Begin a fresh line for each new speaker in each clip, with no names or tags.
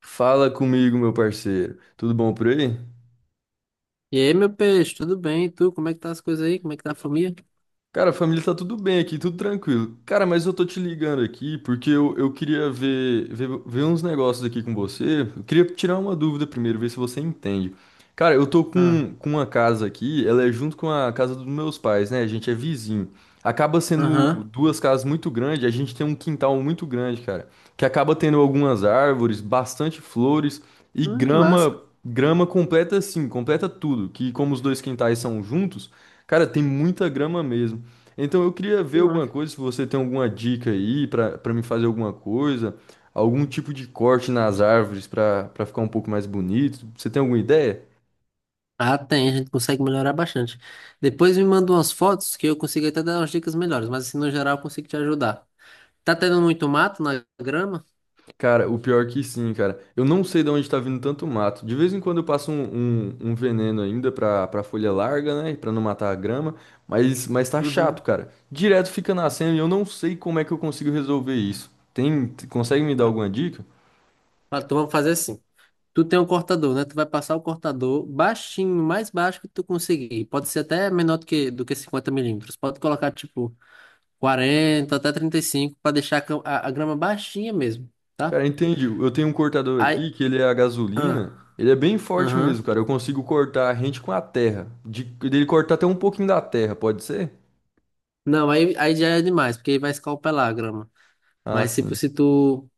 Fala comigo, meu parceiro. Tudo bom por aí?
E aí, meu peixe, tudo bem? E tu, como é que tá as coisas aí? Como é que tá a família?
Cara, a família tá tudo bem aqui, tudo tranquilo. Cara, mas eu tô te ligando aqui porque eu queria ver uns negócios aqui com você. Eu queria tirar uma dúvida primeiro, ver se você entende. Cara, eu tô
Ah,
com uma casa aqui, ela é junto com a casa dos meus pais, né? A gente é vizinho. Acaba sendo
aham.
duas casas muito grandes, a gente tem um quintal muito grande, cara, que acaba tendo algumas árvores, bastante flores e
Ah, que massa,
grama completa assim, completa tudo, que como os dois quintais são juntos, cara, tem muita grama mesmo. Então eu queria
que
ver alguma
massa.
coisa, se você tem alguma dica aí pra para me fazer alguma coisa, algum tipo de corte nas árvores pra para ficar um pouco mais bonito. Você tem alguma ideia?
Ah, tem, a gente consegue melhorar bastante. Depois me manda umas fotos que eu consigo até dar umas dicas melhores, mas assim, no geral, eu consigo te ajudar. Tá tendo muito mato na grama?
Cara, o pior que sim, cara. Eu não sei de onde tá vindo tanto mato. De vez em quando eu passo um veneno ainda pra folha larga, né? Pra não matar a grama. Mas tá chato,
Uhum.
cara. Direto fica nascendo e eu não sei como é que eu consigo resolver isso. Tem, consegue me dar
Tá.
alguma dica?
Ah, então vamos fazer assim. Tu tem um cortador, né? Tu vai passar o cortador baixinho, mais baixo que tu conseguir. Pode ser até menor do que 50 mm. Pode colocar, tipo, 40 até 35 para deixar a a grama baixinha mesmo. Tá?
Cara, entendi. Eu tenho um cortador aqui
Aí,
que ele é a gasolina.
ah,
Ele é bem forte
aham.
mesmo, cara. Eu consigo cortar rente com a terra. Dele cortar até um pouquinho da terra, pode ser?
Não, aí já é demais, porque aí vai escalpelar a grama.
Ah,
Mas tipo,
sim.
se tu,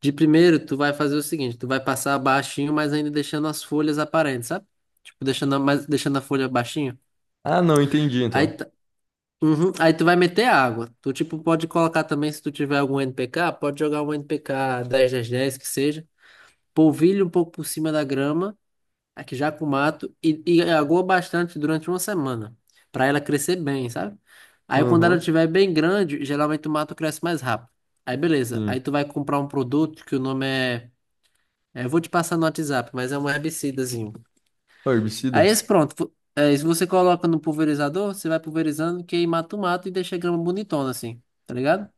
de primeiro, tu vai fazer o seguinte, tu vai passar baixinho, mas ainda deixando as folhas aparentes, sabe? Tipo, mas deixando a folha baixinho.
Ah, não, entendi
Aí,
então.
tá- uhum, aí tu vai meter água. Tu, tipo, pode colocar também, se tu tiver algum NPK, pode jogar um NPK 10 10, 10 que seja. Polvilha um pouco por cima da grama aqui já com mato e agua bastante durante uma semana, para ela crescer bem, sabe? Aí quando ela
Aham,
estiver bem grande, geralmente o mato cresce mais rápido. Aí beleza,
sim.
aí tu vai comprar um produto que o nome eu vou te passar no WhatsApp, mas é um herbicidazinho.
Ó,
Aí
herbicida.
esse pronto, se você coloca no pulverizador, você vai pulverizando que aí mata o mato e deixa a grama bonitona assim, tá ligado?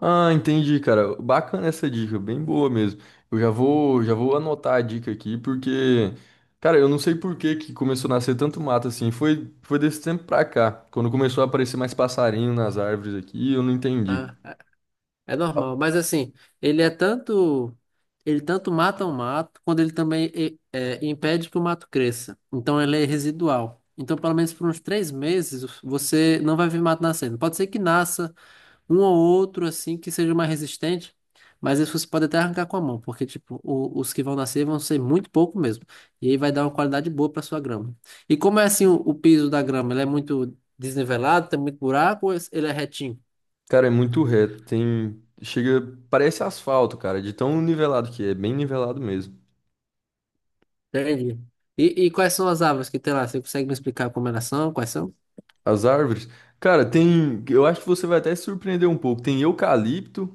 Ah, entendi, cara. Bacana essa dica, bem boa mesmo. Eu já vou anotar a dica aqui, porque, cara, eu não sei por que que começou a nascer tanto mato assim. Foi desse tempo pra cá, quando começou a aparecer mais passarinho nas árvores aqui, eu não entendi.
Ah. É normal, mas assim, ele é tanto. Ele tanto mata o mato, quando ele também impede que o mato cresça. Então ele é residual. Então, pelo menos por uns 3 meses, você não vai ver mato nascendo. Pode ser que nasça um ou outro, assim, que seja mais resistente, mas isso você pode até arrancar com a mão, porque, tipo, os que vão nascer vão ser muito pouco mesmo. E aí vai dar uma qualidade boa para sua grama. E como é assim o piso da grama? Ele é muito desnivelado, tem muito buraco, ou ele é retinho?
Cara, é muito reto, tem... Chega, parece asfalto, cara, de tão nivelado que é, bem nivelado mesmo.
Entendi. E quais são as árvores que tem lá? Você consegue me explicar como elas são? Quais são?
As árvores, cara, tem... Eu acho que você vai até se surpreender um pouco. Tem eucalipto,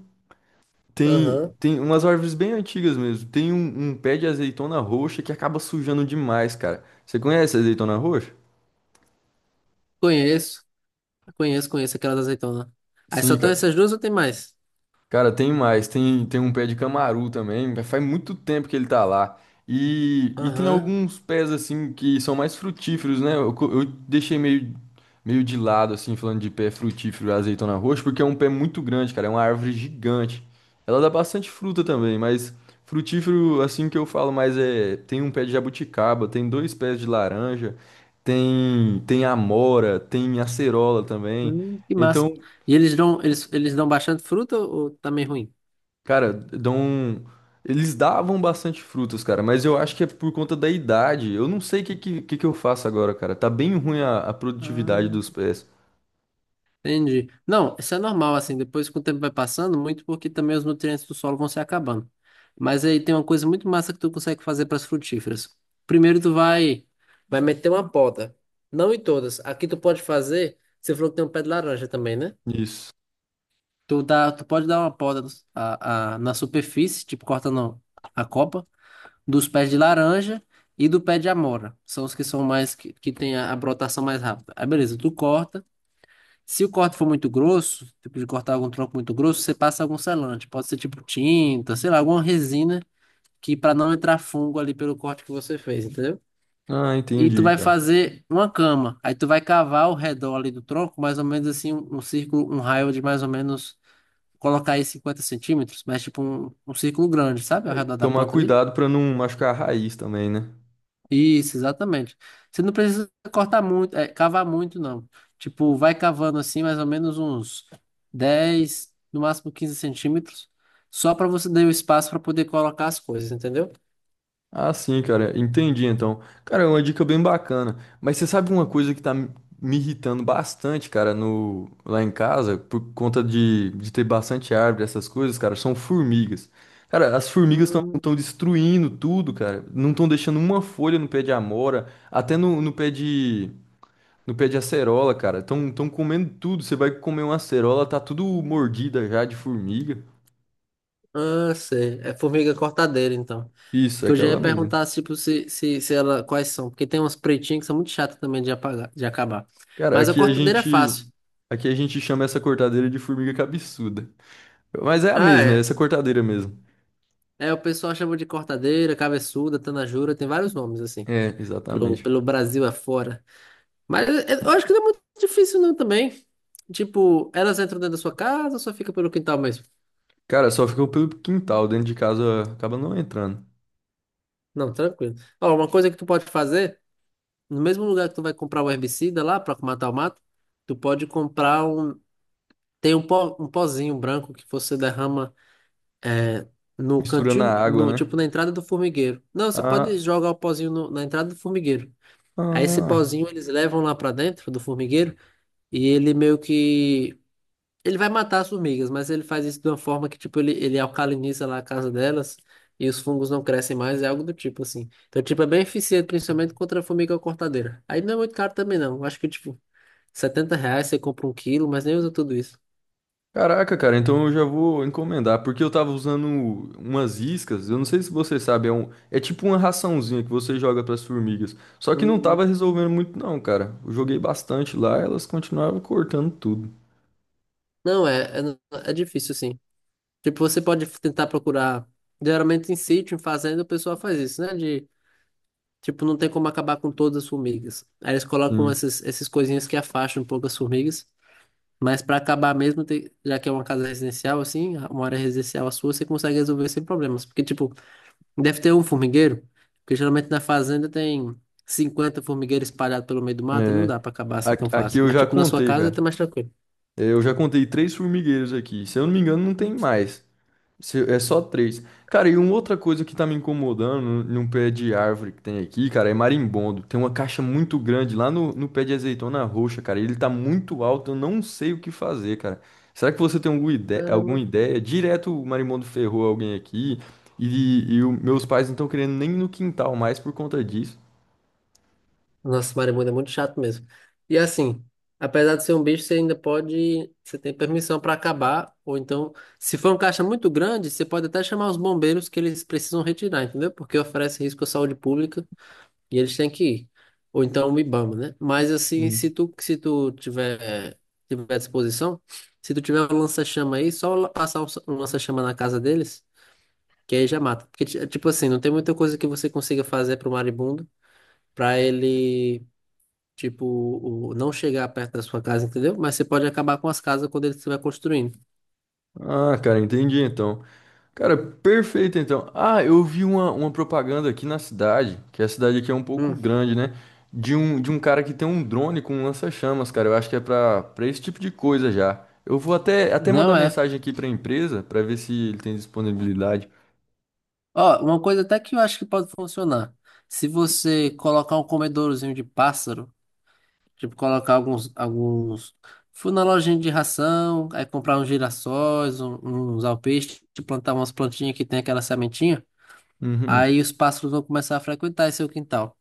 tem,
Aham.
tem umas árvores bem antigas mesmo. Tem um pé de azeitona roxa que acaba sujando demais, cara. Você conhece a azeitona roxa?
Conheço, conheço, conheço aquelas azeitonas. Aí só
Sim,
estão
cara.
essas duas ou tem mais?
Cara, tem mais. Tem, tem um pé de camaru também, mas faz muito tempo que ele tá lá. E tem
Aham.
alguns pés, assim, que são mais frutíferos, né? Eu, eu deixei meio, meio de lado, assim, falando de pé frutífero, azeitona roxa, porque é um pé muito grande, cara. É uma árvore gigante. Ela dá bastante fruta também, mas frutífero, assim, que eu falo mais é... Tem um pé de jabuticaba, tem dois pés de laranja, tem, tem amora, tem acerola também.
Que massa.
Então,
E eles dão bastante fruta ou também ruim?
cara, dão. Um, eles davam bastante frutas, cara, mas eu acho que é por conta da idade. Eu não sei o que, que, que eu faço agora, cara. Tá bem ruim a produtividade dos
Ah.
pés.
Entendi. Não, isso é normal, assim, depois que o tempo vai passando, muito porque também os nutrientes do solo vão se acabando. Mas aí tem uma coisa muito massa que tu consegue fazer para as frutíferas. Primeiro tu vai meter uma poda. Não em todas. Aqui tu pode fazer, você falou que tem um pé de laranja também, né?
Isso.
Tu pode dar uma poda na superfície, tipo cortando a copa, dos pés de laranja e do pé de amora. São os que são mais, que tem a brotação mais rápida. Aí beleza, tu corta. Se o corte for muito grosso, tipo de cortar algum tronco muito grosso, você passa algum selante. Pode ser tipo tinta, sei lá, alguma resina que para não entrar fungo ali pelo corte que você fez, entendeu?
Ah,
E tu
entendi,
vai
cara.
fazer uma cama. Aí tu vai cavar ao redor ali do tronco, mais ou menos assim, um círculo, um raio de mais ou menos, colocar aí 50 cm, mas tipo um círculo grande, sabe? Ao
É,
redor da
tomar
planta ali.
cuidado pra não machucar a raiz também, né?
Isso, exatamente. Você não precisa cortar muito, cavar muito, não. Tipo, vai cavando assim, mais ou menos uns 10 no máximo 15 cm, só para você dar o espaço para poder colocar as coisas, entendeu?
Ah, sim, cara, entendi então. Cara, é uma dica bem bacana. Mas você sabe uma coisa que tá me irritando bastante, cara, no lá em casa, por conta de ter bastante árvore, essas coisas, cara, são formigas. Cara, as formigas estão
Hum,
estão destruindo tudo, cara. Não estão deixando uma folha no pé de amora, até no, no pé de acerola, cara. Estão comendo tudo. Você vai comer uma acerola, tá tudo mordida já de formiga.
ah, sei. É formiga cortadeira, então.
Isso, é
Que eu já
aquela
ia
mesmo.
perguntar, tipo, se ela, quais são. Porque tem umas pretinhas que são muito chatas também de apagar, de acabar.
Cara,
Mas a cortadeira é fácil.
aqui a gente chama essa cortadeira de formiga cabeçuda. Mas é a
Ah,
mesma, é
é.
essa cortadeira mesmo.
É, o pessoal chama de cortadeira, cabeçuda, tanajura, tem vários nomes, assim.
É,
Pelo,
exatamente.
pelo Brasil afora. Mas eu acho que não é muito difícil não também. Tipo, elas entram dentro da sua casa ou só fica pelo quintal mesmo?
Cara, só ficou pelo quintal, dentro de casa acaba não entrando.
Não, tranquilo. Ó, uma coisa que tu pode fazer, no mesmo lugar que tu vai comprar o herbicida lá pra matar o mato, tu pode comprar um. Tem um pó, um pozinho branco que você derrama, é, no
Misturando
cantinho,
a água,
no,
né?
tipo, na entrada do formigueiro. Não, você pode
Ah,
jogar o pozinho na entrada do formigueiro. Aí esse
ah.
pozinho eles levam lá pra dentro do formigueiro, e ele meio que Ele vai matar as formigas, mas ele faz isso de uma forma que, tipo, ele alcaliniza lá a casa delas e os fungos não crescem mais, é algo do tipo, assim. Então, tipo, é bem eficiente, principalmente contra a formiga cortadeira. Aí não é muito caro também, não. Acho que, tipo, R$ 70 você compra um quilo, mas nem usa tudo isso.
Caraca, cara, então eu já vou encomendar, porque eu tava usando umas iscas, eu não sei se você sabe, é um, é tipo uma raçãozinha que você joga pras formigas. Só que não tava
Uhum.
resolvendo muito não, cara. Eu joguei bastante lá, elas continuavam cortando tudo.
Não, é difícil, assim. Tipo, você pode tentar procurar, geralmente em sítio, em fazenda, o pessoal faz isso, né? Tipo, não tem como acabar com todas as formigas. Aí eles colocam
Sim.
essas coisinhas que afastam um pouco as formigas. Mas para acabar mesmo, já que é uma casa residencial, assim, uma área residencial a sua, você consegue resolver sem problemas. Porque, tipo, deve ter um formigueiro, porque geralmente na fazenda tem 50 formigueiros espalhados pelo meio do mato, não
É,
dá para acabar assim
Aqui,
tão
aqui
fácil.
eu
Mas,
já
tipo, na sua
contei,
casa tá
cara.
mais tranquilo.
Eu já contei três formigueiros aqui. Se eu não me engano, não tem mais. É só três. Cara, e uma outra coisa que tá me incomodando num pé de árvore que tem aqui, cara, é marimbondo. Tem uma caixa muito grande lá no, no pé de azeitona roxa, cara. Ele tá muito alto, eu não sei o que fazer, cara. Será que você tem alguma ideia? Alguma
Caramba.
ideia? Direto o marimbondo ferrou alguém aqui e meus pais não estão querendo nem ir no quintal mais por conta disso.
Nossa, marimbondo é muito chato mesmo. E assim, apesar de ser um bicho, você ainda pode, você tem permissão para acabar, ou então, se for um caixa muito grande, você pode até chamar os bombeiros que eles precisam retirar, entendeu? Porque oferece risco à saúde pública. E eles têm que ir. Ou então o IBAMA, né? Mas assim, se tu tiver disposição, se tu tiver um lança-chama aí, só passar um lança-chama na casa deles, que aí já mata. Porque, tipo assim, não tem muita coisa que você consiga fazer pro marimbondo pra ele, tipo, não chegar perto da sua casa, entendeu? Mas você pode acabar com as casas quando ele estiver construindo.
Ah, cara, entendi então. Cara, perfeito então. Ah, eu vi uma propaganda aqui na cidade, que a cidade aqui é um pouco
Hum,
grande, né? De um cara que tem um drone com um lança-chamas, cara. Eu acho que é pra esse tipo de coisa já. Eu vou até mandar
não é.
mensagem aqui pra empresa pra ver se ele tem disponibilidade.
Ó, uma coisa até que eu acho que pode funcionar. Se você colocar um comedourozinho de pássaro, tipo, colocar alguns. Fui na lojinha de ração, aí comprar uns girassóis, uns alpistes, plantar umas plantinhas que tem aquela sementinha.
Uhum.
Aí os pássaros vão começar a frequentar esse seu quintal.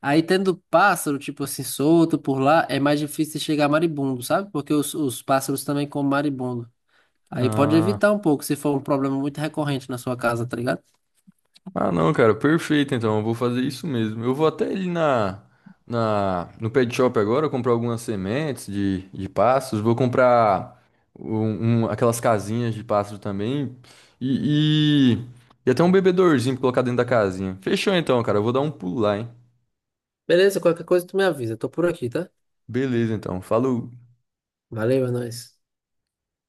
Aí tendo pássaro, tipo assim, solto por lá, é mais difícil de chegar maribundo, sabe? Porque os pássaros também comem maribundo. Aí pode
Ah.
evitar um pouco, se for um problema muito recorrente na sua casa, tá ligado?
Ah, não, cara, perfeito. Então, eu vou fazer isso mesmo. Eu vou até ali no pet shop agora comprar algumas sementes de pássaros. Vou comprar um, aquelas casinhas de pássaro também. E, e, e até um bebedorzinho pra colocar dentro da casinha. Fechou então, cara. Eu vou dar um pulo lá, hein?
Beleza, qualquer coisa tu me avisa, eu tô por aqui, tá?
Beleza, então. Falou.
Valeu, é nóis.